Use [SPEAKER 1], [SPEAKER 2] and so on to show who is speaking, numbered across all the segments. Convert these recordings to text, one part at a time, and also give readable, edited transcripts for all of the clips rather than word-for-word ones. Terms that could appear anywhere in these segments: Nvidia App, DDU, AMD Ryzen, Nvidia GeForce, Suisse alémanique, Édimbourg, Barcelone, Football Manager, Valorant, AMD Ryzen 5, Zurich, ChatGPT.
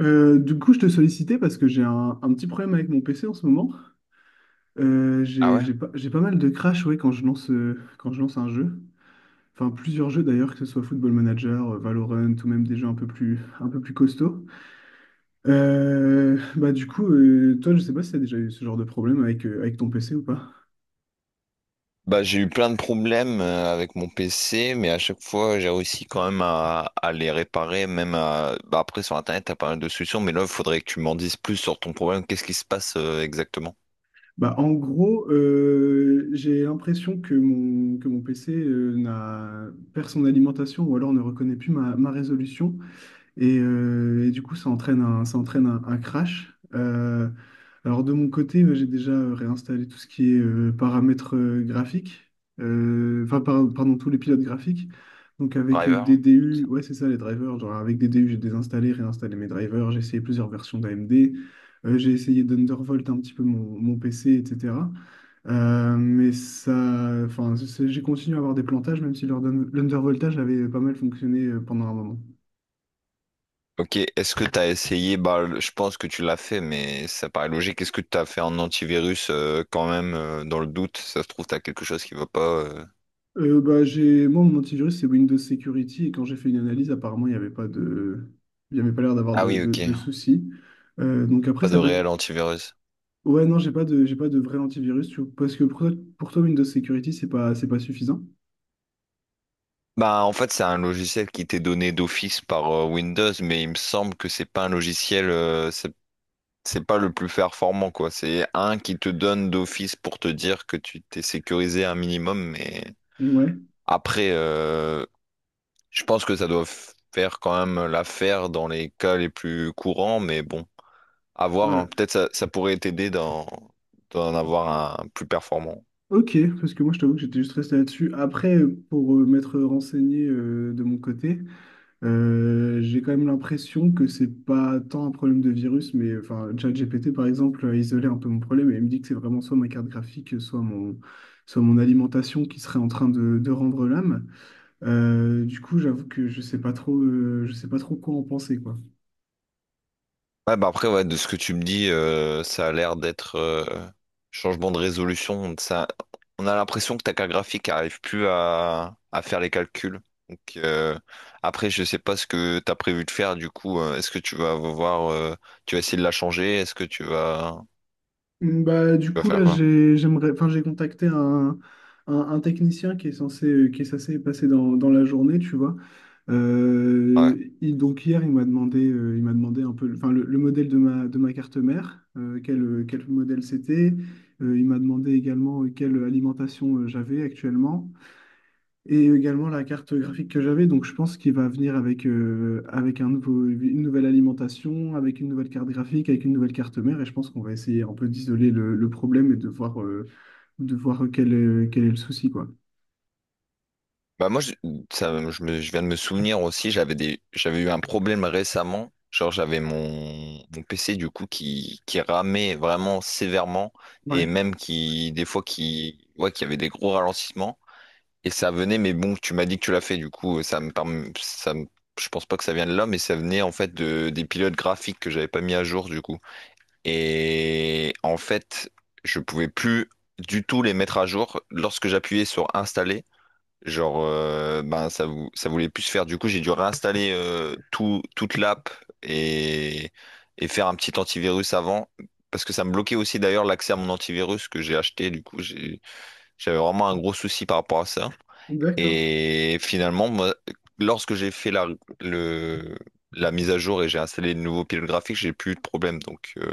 [SPEAKER 1] Du coup, je te sollicitais parce que j'ai un petit problème avec mon PC en ce moment.
[SPEAKER 2] Ah ouais?
[SPEAKER 1] J'ai pas mal de crash, ouais, quand je lance un jeu. Enfin, plusieurs jeux d'ailleurs, que ce soit Football Manager, Valorant ou même des jeux un peu plus costauds. Du coup, toi, je sais pas si tu as déjà eu ce genre de problème avec, avec ton PC ou pas.
[SPEAKER 2] Bah, j'ai eu plein de problèmes avec mon PC, mais à chaque fois, j'ai réussi quand même à les réparer, même à... bah, après, sur Internet, t'as pas mal de solutions, mais là, il faudrait que tu m'en dises plus sur ton problème. Qu'est-ce qui se passe exactement?
[SPEAKER 1] En gros, j'ai l'impression que mon PC n'a, perd son alimentation ou alors ne reconnaît plus ma résolution. Et du coup, ça entraîne un crash. Alors de mon côté, j'ai déjà réinstallé tout ce qui est paramètres graphiques. Pardon, tous les pilotes graphiques. Donc avec
[SPEAKER 2] Driver, tout
[SPEAKER 1] DDU,
[SPEAKER 2] ça.
[SPEAKER 1] ouais c'est ça, les drivers. Genre, avec DDU, j'ai désinstallé, réinstallé mes drivers, j'ai essayé plusieurs versions d'AMD. J'ai essayé d'Undervolt un petit peu mon PC, etc. Mais j'ai continué à avoir des plantages, même si l'Undervoltage avait pas mal fonctionné pendant un moment.
[SPEAKER 2] Ok, est-ce que t'as essayé, bah, je pense que tu l'as fait, mais ça paraît logique. Est-ce que t'as fait un antivirus quand même, dans le doute? Ça se trouve, t'as quelque chose qui va pas...
[SPEAKER 1] J'ai... Moi, mon antivirus, c'est Windows Security. Et quand j'ai fait une analyse, apparemment, il n'y avait pas de... il n'y avait pas l'air d'avoir
[SPEAKER 2] Ah
[SPEAKER 1] de,
[SPEAKER 2] oui,
[SPEAKER 1] de,
[SPEAKER 2] ok.
[SPEAKER 1] de soucis. Donc après,
[SPEAKER 2] Pas de
[SPEAKER 1] ça peut
[SPEAKER 2] réel
[SPEAKER 1] être...
[SPEAKER 2] antivirus.
[SPEAKER 1] Ouais, non, j'ai pas de vrai antivirus, tu vois. Parce que pour toi, Windows Security, c'est pas suffisant.
[SPEAKER 2] Bah, en fait, c'est un logiciel qui t'est donné d'office par Windows, mais il me semble que c'est pas un logiciel, c'est pas le plus performant, quoi. C'est un qui te donne d'office pour te dire que tu t'es sécurisé un minimum, mais
[SPEAKER 1] Ouais,
[SPEAKER 2] après, je pense que ça doit faire quand même l'affaire dans les cas les plus courants, mais bon, à voir, hein.
[SPEAKER 1] ouais.
[SPEAKER 2] Peut-être ça pourrait t'aider dans, d'en avoir un plus performant.
[SPEAKER 1] Ok, parce que moi, je t'avoue que j'étais juste resté là-dessus. Après, pour m'être renseigné de mon côté, j'ai quand même l'impression que c'est pas tant un problème de virus. Mais enfin, ChatGPT par exemple a isolé un peu mon problème et il me dit que c'est vraiment soit ma carte graphique, soit mon alimentation qui serait en train de rendre l'âme. Du coup, j'avoue que je sais pas trop, je sais pas trop quoi en penser, quoi.
[SPEAKER 2] Ouais, bah après, ouais, de ce que tu me dis, ça a l'air d'être changement de résolution. Ça, on a l'impression que ta carte graphique n'arrive plus à faire les calculs. Donc, après, je sais pas ce que tu as prévu de faire. Du coup, est-ce que tu vas voir, tu vas essayer de la changer? Est-ce que
[SPEAKER 1] Mm. Du
[SPEAKER 2] tu vas
[SPEAKER 1] coup,
[SPEAKER 2] faire
[SPEAKER 1] là,
[SPEAKER 2] quoi?
[SPEAKER 1] j'aimerais, enfin, j'ai contacté un technicien qui est censé passer dans la journée, tu vois.
[SPEAKER 2] Ouais.
[SPEAKER 1] Donc hier, il m'a demandé un peu, enfin, le modèle de de ma carte mère, quel modèle c'était. Il m'a demandé également quelle alimentation j'avais actuellement. Et également la carte graphique que j'avais. Donc je pense qu'il va venir avec, une nouvelle alimentation, avec une nouvelle carte graphique, avec une nouvelle carte mère, et je pense qu'on va essayer un peu d'isoler le problème et de voir quel est le souci, quoi.
[SPEAKER 2] Bah moi, ça, je viens de me souvenir aussi, j'avais eu un problème récemment. Genre, mon PC du coup qui ramait vraiment sévèrement et
[SPEAKER 1] Ouais,
[SPEAKER 2] même qui, des fois, qui, ouais, qui avait des gros ralentissements. Et ça venait, mais bon, tu m'as dit que tu l'as fait, du coup, ça me, perm- ça me- je pense pas que ça vient de là, mais ça venait en fait de, des pilotes graphiques que j'avais pas mis à jour du coup. Et en fait, je pouvais plus du tout les mettre à jour lorsque j'appuyais sur installer. Genre, ben, ça voulait plus se faire. Du coup, j'ai dû réinstaller toute l'app et, et faire un petit antivirus avant. Parce que ça me bloquait aussi d'ailleurs l'accès à mon antivirus que j'ai acheté. J'avais vraiment un gros souci par rapport à ça.
[SPEAKER 1] d'accord.
[SPEAKER 2] Et finalement, moi, lorsque j'ai fait le, la mise à jour et j'ai installé le nouveau pilote graphique, j'ai plus eu de problème. Donc,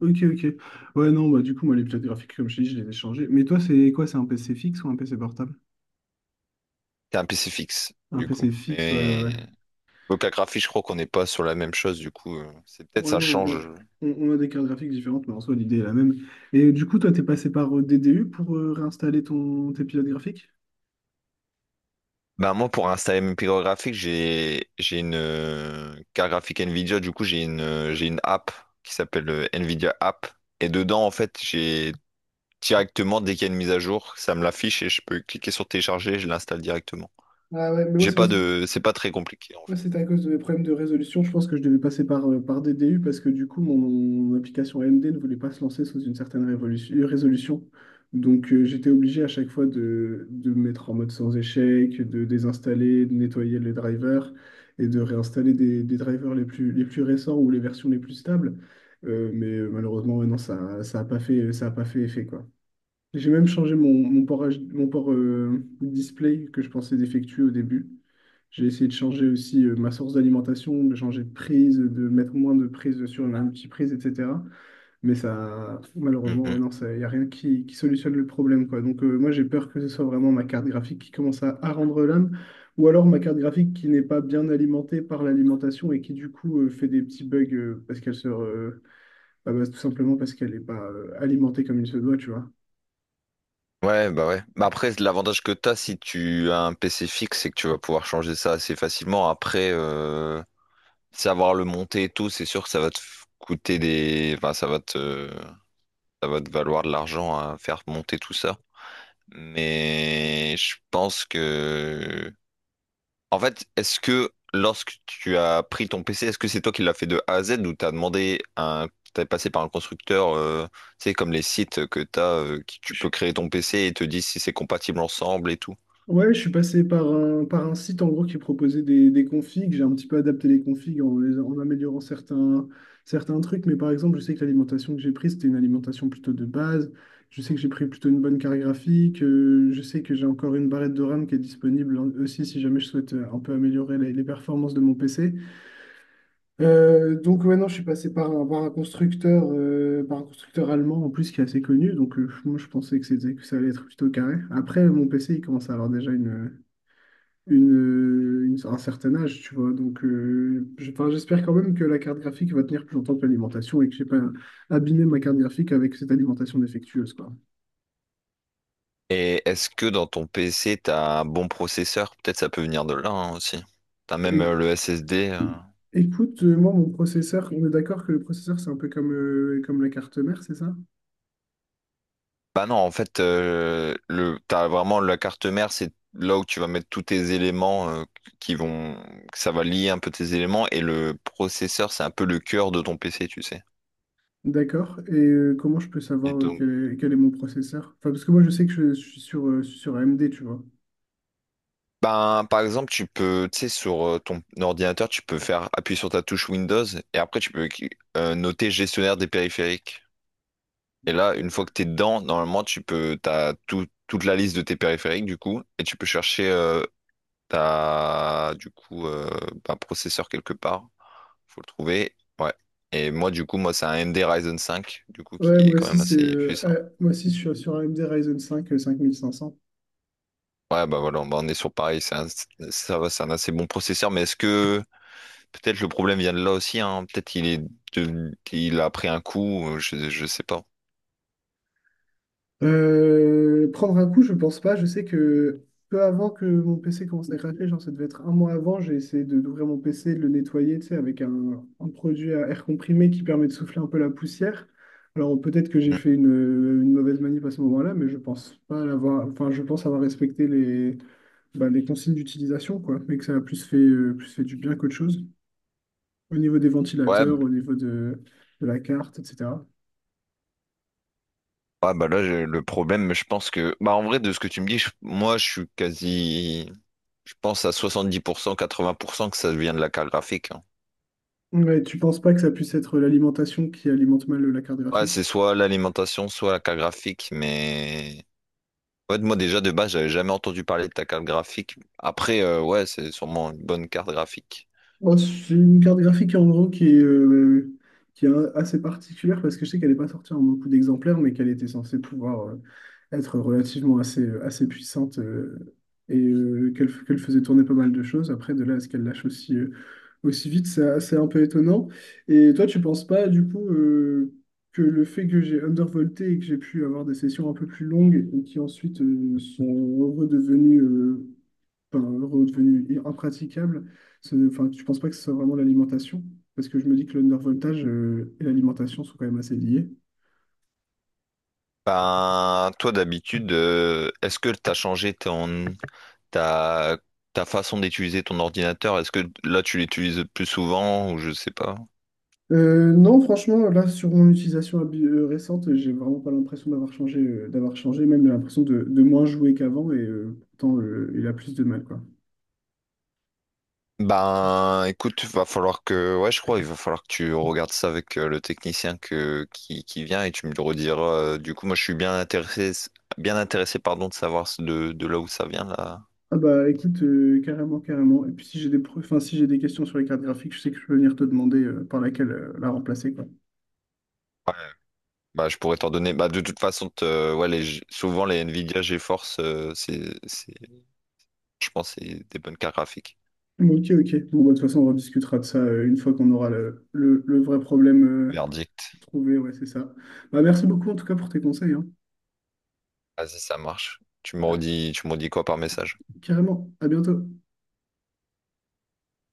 [SPEAKER 1] Ok, ok. Ouais, non, bah du coup, moi, les plaques graphiques, comme je t'ai dit, je les ai changées. Mais toi, c'est quoi? C'est un PC fixe ou un PC portable?
[SPEAKER 2] c'est un PC fixe,
[SPEAKER 1] Un
[SPEAKER 2] du coup.
[SPEAKER 1] PC fixe, ouais, ouais,
[SPEAKER 2] Mais.
[SPEAKER 1] ouais.
[SPEAKER 2] Donc la graphie, je crois qu'on n'est pas sur la même chose, du coup, c'est peut-être
[SPEAKER 1] Ouais,
[SPEAKER 2] ça
[SPEAKER 1] non,
[SPEAKER 2] change.
[SPEAKER 1] on a des cartes graphiques différentes, mais en soi, l'idée est la même. Et du coup, toi, t'es passé par DDU pour réinstaller tes pilotes graphiques?
[SPEAKER 2] Ben moi, pour installer mes picots graphiques, j'ai une carte graphique Nvidia. Du coup, j'ai une app qui s'appelle Nvidia App. Et dedans, en fait, j'ai directement dès qu'il y a une mise à jour, ça me l'affiche et je peux cliquer sur télécharger. Et je l'installe directement.
[SPEAKER 1] Ah, ouais,
[SPEAKER 2] J'ai pas de, c'est pas très compliqué en
[SPEAKER 1] moi,
[SPEAKER 2] fait.
[SPEAKER 1] c'était à cause de mes problèmes de résolution. Je pense que je devais passer par, par DDU parce que du coup, mon application AMD ne voulait pas se lancer sous une certaine résolution. Donc, j'étais obligé à chaque fois de me mettre en mode sans échec, de désinstaller, de nettoyer les drivers et de réinstaller des drivers les plus récents ou les versions les plus stables. Mais malheureusement, ouais, non, ça a pas fait effet, quoi. J'ai même changé mon port, display que je pensais défectueux au début. J'ai essayé de changer aussi ma source d'alimentation, de changer de prise, de mettre moins de prise sur une petite multiprise, etc. Mais ça, malheureusement, ouais,
[SPEAKER 2] Mhm.
[SPEAKER 1] non, il n'y a rien qui, qui solutionne le problème, quoi. Donc, moi, j'ai peur que ce soit vraiment ma carte graphique qui commence à rendre l'âme, ou alors ma carte graphique qui n'est pas bien alimentée par l'alimentation et qui, du coup, fait des petits bugs parce qu'elle se... bah, tout simplement parce qu'elle n'est pas alimentée comme il se doit, tu vois.
[SPEAKER 2] Ouais. Bah après, l'avantage que t'as si tu as un PC fixe, c'est que tu vas pouvoir changer ça assez facilement. Après, savoir le monter et tout, c'est sûr que ça va te coûter des, enfin, ça va te valoir de l'argent à faire monter tout ça. Mais je pense que... En fait, est-ce que lorsque tu as pris ton PC, est-ce que c'est toi qui l'as fait de A à Z ou t'as demandé un... T'es passé par un constructeur, tu sais, comme les sites que t'as, qui tu peux créer ton PC et te disent si c'est compatible ensemble et tout.
[SPEAKER 1] Ouais, je suis passé par par un site en gros qui proposait des configs. J'ai un petit peu adapté les configs en, en améliorant certains trucs. Mais par exemple, je sais que l'alimentation que j'ai prise, c'était une alimentation plutôt de base. Je sais que j'ai pris plutôt une bonne carte graphique. Je sais que j'ai encore une barrette de RAM qui est disponible aussi, si jamais je souhaite un peu améliorer les performances de mon PC. Donc ouais, non, je suis passé par par un constructeur allemand en plus qui est assez connu. Donc moi, je pensais que c'était, que ça allait être plutôt carré. Après, mon PC, il commence à avoir déjà un certain âge, tu vois. Donc, enfin, j'espère quand même que la carte graphique va tenir plus longtemps que l'alimentation et que j'ai pas abîmé ma carte graphique avec cette alimentation défectueuse, quoi.
[SPEAKER 2] Et est-ce que dans ton PC, t'as un bon processeur? Peut-être ça peut venir de là, hein, aussi. T'as même
[SPEAKER 1] Et,
[SPEAKER 2] le SSD.
[SPEAKER 1] écoute, moi, mon processeur, on est d'accord que le processeur, c'est un peu comme, comme la carte mère, c'est ça?
[SPEAKER 2] Bah non, en fait, t'as vraiment la carte mère, c'est là où tu vas mettre tous tes éléments qui vont, que ça va lier un peu tes éléments et le processeur, c'est un peu le cœur de ton PC, tu sais.
[SPEAKER 1] D'accord. Et comment je peux
[SPEAKER 2] Et
[SPEAKER 1] savoir
[SPEAKER 2] donc,
[SPEAKER 1] quel est mon processeur? Enfin, parce que moi, je sais que je suis sur, sur AMD, tu vois.
[SPEAKER 2] ben, par exemple, tu peux, tu sais, sur ton ordinateur, tu peux faire appuyer sur ta touche Windows et après tu peux noter gestionnaire des périphériques. Et là, une
[SPEAKER 1] Ouais,
[SPEAKER 2] fois que t'es dedans, normalement, t'as toute la liste de tes périphériques du coup et tu peux chercher ta, du coup, euh, ben, processeur quelque part. Faut le trouver. Ouais. Et moi, du coup, moi, c'est un AMD Ryzen 5, du coup, qui
[SPEAKER 1] ouais,
[SPEAKER 2] est
[SPEAKER 1] moi
[SPEAKER 2] quand
[SPEAKER 1] aussi,
[SPEAKER 2] même assez puissant.
[SPEAKER 1] moi aussi, je suis sur AMD Ryzen 5 5500.
[SPEAKER 2] Ouais, bah voilà, bah, on est sur pareil. Ça va, c'est un assez bon processeur, mais est-ce que peut-être le problème vient de là aussi, hein? Peut-être il a pris un coup, je sais pas.
[SPEAKER 1] Prendre un coup, je pense pas. Je sais que peu avant que mon PC commence à craquer, genre ça devait être un mois avant, j'ai essayé d'ouvrir mon PC, de le nettoyer, tu sais, avec un produit à air comprimé qui permet de souffler un peu la poussière. Alors peut-être que j'ai
[SPEAKER 2] Mm.
[SPEAKER 1] fait une mauvaise manip à ce moment-là, mais je pense pas l'avoir. Enfin, je pense avoir respecté les consignes d'utilisation, quoi, mais que ça a plus fait du bien qu'autre chose. Au niveau des
[SPEAKER 2] Ouais, b-
[SPEAKER 1] ventilateurs, au niveau de la carte, etc.
[SPEAKER 2] ouais, bah là, le problème, je pense que. Bah en vrai, de ce que tu me dis, moi, je suis quasi. Je pense à 70%, 80% que ça vient de la carte graphique, hein.
[SPEAKER 1] Mais tu penses pas que ça puisse être l'alimentation qui alimente mal la carte
[SPEAKER 2] Ouais, c'est
[SPEAKER 1] graphique?
[SPEAKER 2] soit l'alimentation, soit la carte graphique, mais. Ouais, moi déjà de base, j'avais jamais entendu parler de ta carte graphique. Après, ouais, c'est sûrement une bonne carte graphique.
[SPEAKER 1] Bon, c'est une carte graphique en gros qui est, qui est assez particulière parce que je sais qu'elle n'est pas sortie en beaucoup d'exemplaires, mais qu'elle était censée pouvoir être relativement assez, assez puissante et qu'elle faisait tourner pas mal de choses. Après, de là à ce qu'elle lâche aussi, aussi vite, c'est assez un peu étonnant. Et toi, tu penses pas du coup que le fait que j'ai undervolté et que j'ai pu avoir des sessions un peu plus longues et qui ensuite sont redevenues, enfin, redevenu impraticable. Enfin, tu ne penses pas que ce soit vraiment l'alimentation? Parce que je me dis que le undervoltage et l'alimentation sont quand même assez liés.
[SPEAKER 2] Ben, toi d'habitude, est-ce que t'as changé ton ta ta façon d'utiliser ton ordinateur? Est-ce que là tu l'utilises plus souvent ou je sais pas?
[SPEAKER 1] Non, franchement, là, sur mon utilisation récente, j'ai vraiment pas l'impression d'avoir changé, même j'ai l'impression de moins jouer qu'avant, et pourtant, il a plus de mal, quoi.
[SPEAKER 2] Ben, écoute, va falloir que, ouais, je crois, il va falloir que tu regardes ça avec le technicien que qui vient et tu me le rediras. Du coup, moi, je suis bien intéressé, pardon, de savoir de là où ça vient là.
[SPEAKER 1] Ah bah écoute, carrément, carrément. Et puis si j'ai des, enfin, si j'ai des questions sur les cartes graphiques, je sais que je peux venir te demander par laquelle la remplacer, quoi.
[SPEAKER 2] Bah, je pourrais t'en donner. Bah, de toute façon, ouais, les... souvent les Nvidia GeForce, c'est... je pense que c'est des bonnes cartes graphiques.
[SPEAKER 1] Bon, ok, ok. Bon, bah, de toute façon, on rediscutera de ça une fois qu'on aura le vrai problème
[SPEAKER 2] Verdict.
[SPEAKER 1] trouvé, ouais, c'est ça. Bah, merci beaucoup en tout cas pour tes conseils, hein.
[SPEAKER 2] Vas-y, ça marche.
[SPEAKER 1] Ah,
[SPEAKER 2] Tu me redis quoi par message?
[SPEAKER 1] carrément, à bientôt.